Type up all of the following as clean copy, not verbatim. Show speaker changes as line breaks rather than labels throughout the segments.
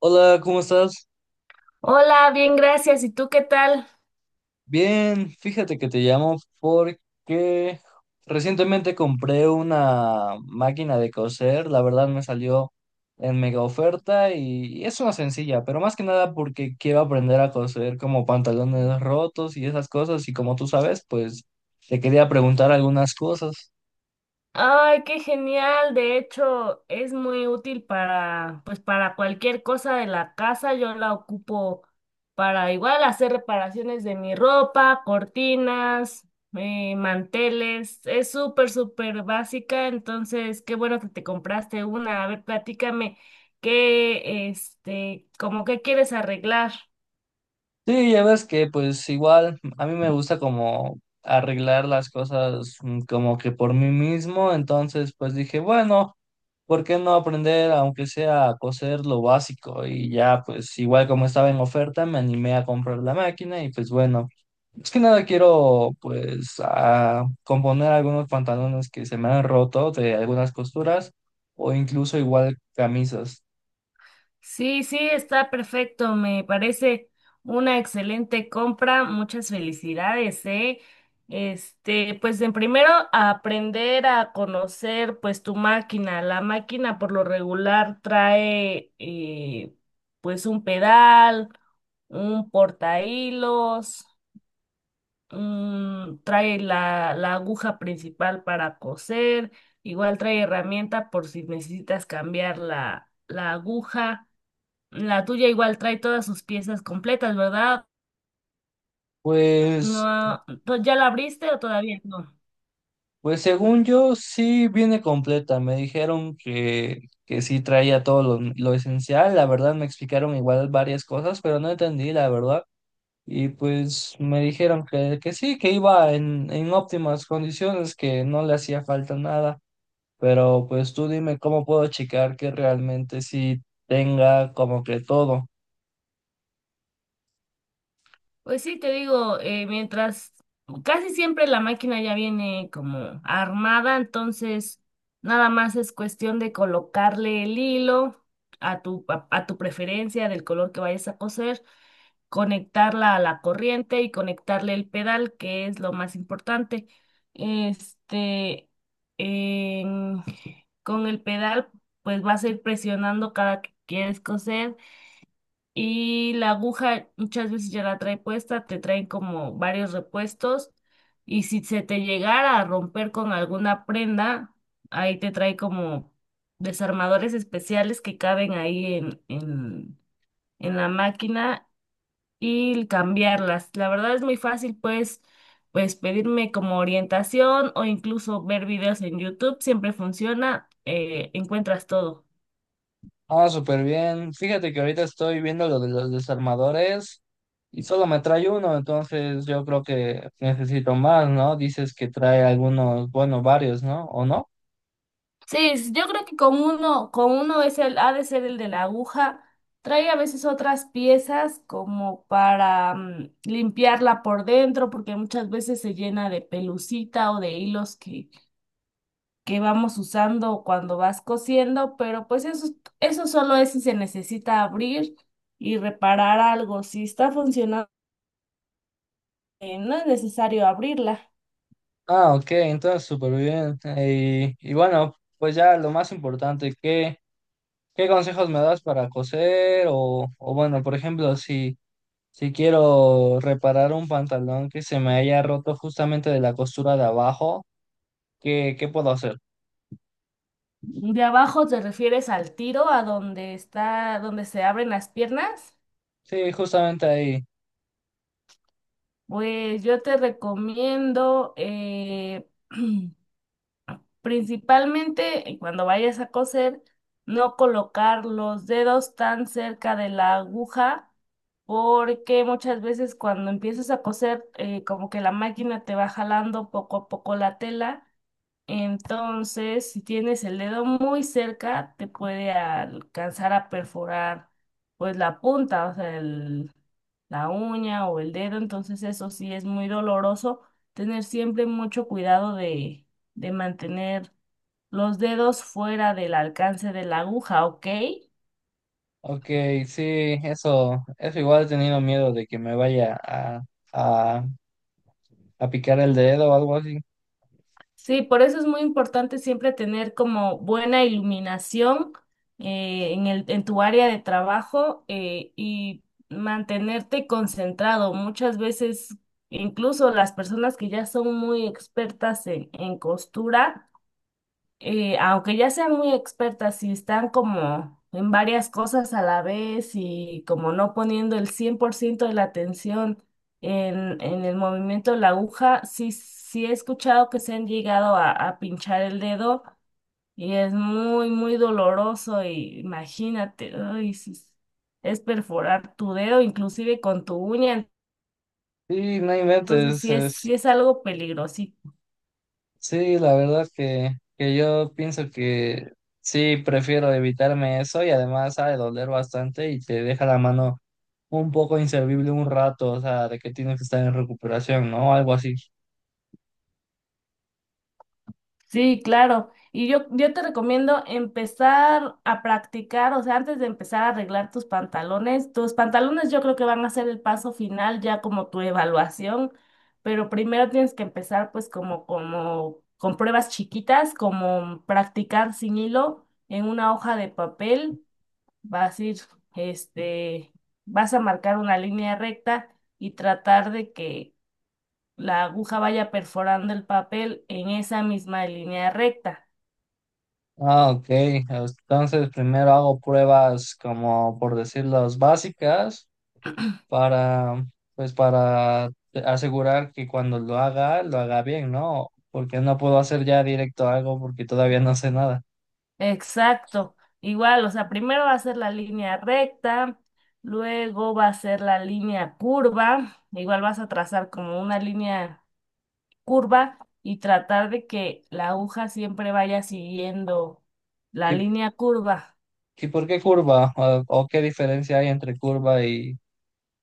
Hola, ¿cómo estás?
Hola, bien, gracias. ¿Y tú qué tal?
Bien, fíjate que te llamo porque recientemente compré una máquina de coser, la verdad me salió en mega oferta y es una sencilla, pero más que nada porque quiero aprender a coser como pantalones rotos y esas cosas y como tú sabes, pues te quería preguntar algunas cosas.
Ay, qué genial. De hecho, es muy útil pues, para cualquier cosa de la casa. Yo la ocupo para igual hacer reparaciones de mi ropa, cortinas, manteles. Es súper, súper básica. Entonces, qué bueno que te compraste una. A ver, platícame como qué quieres arreglar.
Sí, ya ves que pues igual a mí me gusta como arreglar las cosas como que por mí mismo, entonces pues dije, bueno, ¿por qué no aprender aunque sea a coser lo básico? Y ya pues igual como estaba en oferta me animé a comprar la máquina y pues bueno, es que nada quiero pues a componer algunos pantalones que se me han roto de algunas costuras o incluso igual camisas.
Sí, sí, está perfecto. Me parece una excelente compra. Muchas felicidades, ¿eh? Pues en primero aprender a conocer pues tu máquina. La máquina por lo regular trae pues un pedal, un portahilos, trae la aguja principal para coser, igual trae herramienta por si necesitas cambiar la aguja. La tuya igual trae todas sus piezas completas, ¿verdad?
Pues
No, ¿ya la abriste o todavía no?
pues según yo, sí viene completa. Me dijeron que sí traía todo lo esencial. La verdad, me explicaron igual varias cosas, pero no entendí, la verdad. Y pues me dijeron que sí, que iba en óptimas condiciones, que no le hacía falta nada. Pero pues tú dime cómo puedo checar que realmente sí tenga como que todo.
Pues sí, te digo, mientras casi siempre la máquina ya viene como armada, entonces nada más es cuestión de colocarle el hilo a tu preferencia del color que vayas a coser, conectarla a la corriente y conectarle el pedal, que es lo más importante. Este, en- con el pedal, pues vas a ir presionando cada que quieres coser, y la aguja muchas veces ya la trae puesta, te traen como varios repuestos, y si se te llegara a romper con alguna prenda, ahí te trae como desarmadores especiales que caben ahí en la máquina y cambiarlas. La verdad es muy fácil, pues pedirme como orientación o incluso ver videos en YouTube, siempre funciona, encuentras todo.
Ah, súper bien. Fíjate que ahorita estoy viendo lo de los desarmadores y solo me trae uno, entonces yo creo que necesito más, ¿no? Dices que trae algunos, bueno, varios, ¿no? ¿O no?
Sí, yo creo que con uno es ha de ser el de la aguja. Trae a veces otras piezas como para limpiarla por dentro, porque muchas veces se llena de pelucita o de hilos que vamos usando cuando vas cosiendo, pero pues eso solo es si se necesita abrir y reparar algo. Si está funcionando, no es necesario abrirla.
Ah, ok, entonces súper bien. Y bueno, pues ya lo más importante, ¿qué consejos me das para coser? O bueno, por ejemplo, si, si quiero reparar un pantalón que se me haya roto justamente de la costura de abajo, ¿qué puedo hacer?
De abajo te refieres al tiro, a donde está, donde se abren las piernas.
Sí, justamente ahí.
Pues yo te recomiendo, principalmente, cuando vayas a coser, no colocar los dedos tan cerca de la aguja, porque muchas veces cuando empiezas a coser, como que la máquina te va jalando poco a poco la tela. Entonces, si tienes el dedo muy cerca, te puede alcanzar a perforar pues la punta, o sea, la uña o el dedo. Entonces, eso sí es muy doloroso. Tener siempre mucho cuidado de, mantener los dedos fuera del alcance de la aguja, ¿ok?
Ok, sí, eso igual he tenido miedo de que me vaya a, a picar el dedo o algo así.
Sí, por eso es muy importante siempre tener como buena iluminación, en tu área de trabajo, y mantenerte concentrado. Muchas veces, incluso las personas que ya son muy expertas en costura, aunque ya sean muy expertas, si están como en varias cosas a la vez y como no poniendo el 100% de la atención en el movimiento de la aguja, sí, sí he escuchado que se han llegado a pinchar el dedo, y es muy, muy doloroso. Y imagínate, ay, sí, es perforar tu dedo inclusive con tu uña,
Sí, no
entonces
inventes,
sí es,
es,
sí es algo peligroso.
sí, la verdad que yo pienso que sí, prefiero evitarme eso y además ha de doler bastante y te deja la mano un poco inservible un rato, o sea, de que tienes que estar en recuperación, ¿no? Algo así.
Sí, claro. Y yo te recomiendo empezar a practicar, o sea, antes de empezar a arreglar tus pantalones yo creo que van a ser el paso final, ya como tu evaluación, pero primero tienes que empezar pues como, con pruebas chiquitas, como practicar sin hilo en una hoja de papel. vas a ir, este, Vas a marcar una línea recta y tratar de que la aguja vaya perforando el papel en esa misma línea recta.
Ah, ok, entonces primero hago pruebas como por decirlas básicas. Para, pues para asegurar que cuando lo haga bien, ¿no? Porque no puedo hacer ya directo algo porque todavía no sé nada.
Exacto, igual, o sea, primero va a ser la línea recta, luego va a ser la línea curva, igual vas a trazar como una línea curva y tratar de que la aguja siempre vaya siguiendo la
¿Y,
línea curva.
y por qué curva? O qué diferencia hay entre curva y...?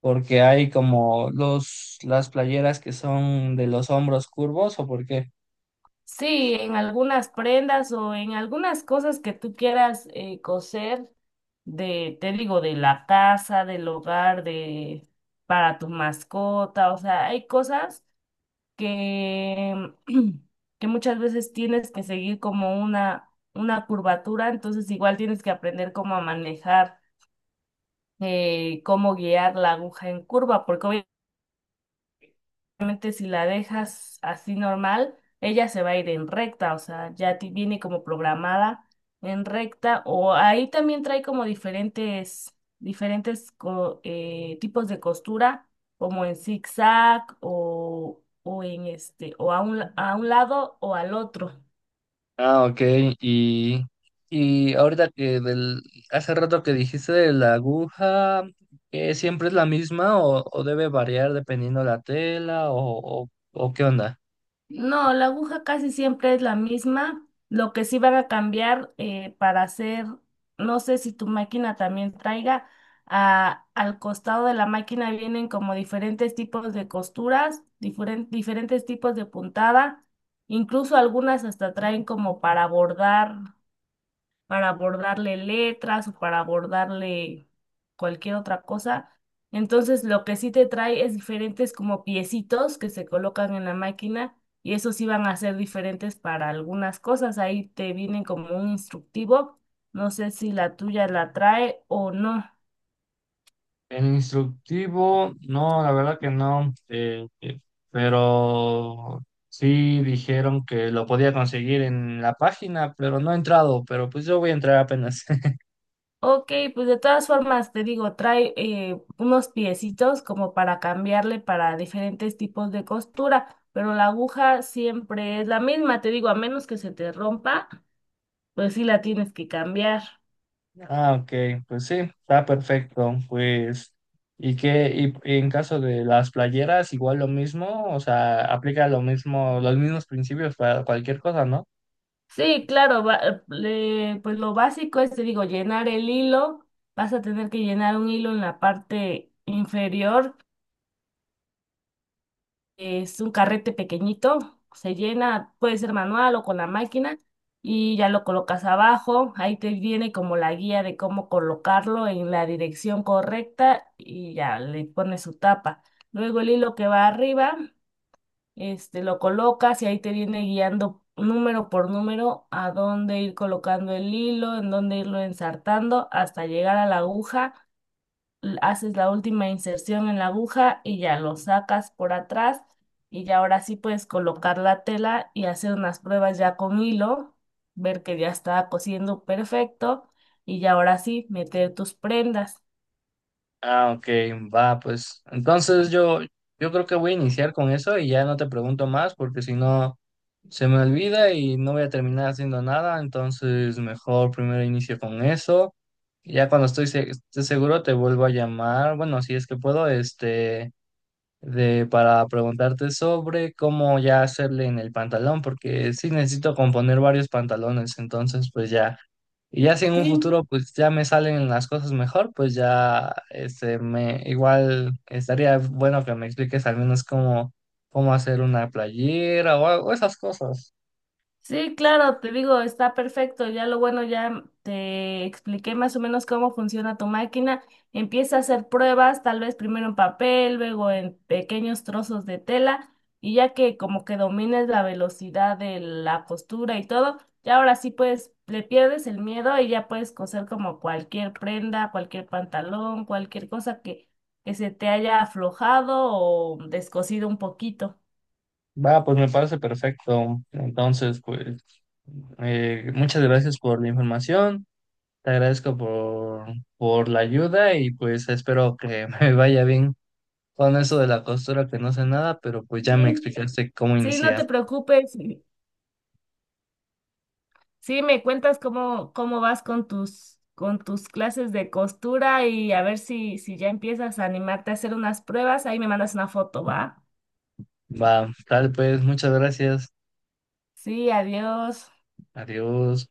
Porque hay como los, las playeras que son de los hombros curvos, ¿o por qué?
Sí, en algunas prendas o en algunas cosas que tú quieras, coser, te digo, de la casa, del hogar, de para tu mascota, o sea, hay cosas que, que muchas veces tienes que seguir como una curvatura, entonces igual tienes que aprender cómo guiar la aguja en curva, porque realmente si la dejas así normal, ella se va a ir en recta, o sea, ya viene como programada en recta. O ahí también trae como diferentes tipos de costura, como en zigzag o o a un lado o al otro.
Ah, ok. Y, y ahorita que del, hace rato que dijiste de la aguja, ¿que siempre es la misma o debe variar dependiendo la tela o qué onda?
No, la aguja casi siempre es la misma. Lo que sí van a cambiar, para hacer, no sé si tu máquina también traiga, al costado de la máquina vienen como diferentes tipos de costuras, diferentes tipos de puntada, incluso algunas hasta traen como para bordarle letras o para bordarle cualquier otra cosa. Entonces, lo que sí te trae es diferentes como piecitos que se colocan en la máquina, y esos sí van a ser diferentes para algunas cosas. Ahí te vienen como un instructivo. No sé si la tuya la trae o no.
El instructivo, no, la verdad que no, pero sí dijeron que lo podía conseguir en la página, pero no he entrado, pero pues yo voy a entrar apenas.
Ok, pues de todas formas te digo, trae, unos piecitos como para cambiarle para diferentes tipos de costura, pero la aguja siempre es la misma, te digo, a menos que se te rompa, pues sí la tienes que cambiar.
Ah, ok, pues sí, está perfecto. Pues, ¿y qué? Y en caso de las playeras, igual lo mismo, o sea, aplica lo mismo, los mismos principios para cualquier cosa, ¿no?
Sí, claro, pues lo básico es, te digo, llenar el hilo. Vas a tener que llenar un hilo en la parte inferior, que es un carrete pequeñito. Se llena, puede ser manual o con la máquina. Y ya lo colocas abajo. Ahí te viene como la guía de cómo colocarlo en la dirección correcta y ya le pones su tapa. Luego el hilo que va arriba, lo colocas, y ahí te viene guiando número por número a dónde ir colocando el hilo, en dónde irlo ensartando hasta llegar a la aguja. Haces la última inserción en la aguja y ya lo sacas por atrás, y ya ahora sí puedes colocar la tela y hacer unas pruebas ya con hilo, ver que ya está cosiendo perfecto, y ya ahora sí meter tus prendas.
Ah, ok, va, pues. Entonces yo creo que voy a iniciar con eso y ya no te pregunto más, porque si no se me olvida y no voy a terminar haciendo nada. Entonces, mejor primero inicio con eso. Ya cuando estoy, se- esté seguro te vuelvo a llamar. Bueno, si es que puedo, este. De, para preguntarte sobre cómo ya hacerle en el pantalón, porque sí necesito componer varios pantalones, entonces pues ya, y ya si en un
Sí,
futuro pues ya me salen las cosas mejor, pues ya este me igual estaría bueno que me expliques al menos cómo, cómo hacer una playera o, algo- esas cosas.
sí, claro, te digo, está perfecto. Ya lo bueno, ya te expliqué más o menos cómo funciona tu máquina. Empieza a hacer pruebas, tal vez primero en papel, luego en pequeños trozos de tela, y ya que como que domines la velocidad de la costura y todo, ya ahora sí pues le pierdes el miedo y ya puedes coser como cualquier prenda, cualquier pantalón, cualquier cosa que se te haya aflojado o descosido un poquito.
Va, pues me parece perfecto. Entonces, pues muchas gracias por la información. Te agradezco por la ayuda y pues espero que me vaya bien con eso de la costura, que no sé nada, pero pues ya me
Sí,
explicaste cómo
sí, no
iniciar.
te preocupes. Sí, me cuentas cómo vas con tus clases de costura, y a ver si ya empiezas a animarte a hacer unas pruebas. Ahí me mandas una foto, ¿va?
Va, tal pues, muchas gracias.
Sí, adiós.
Adiós.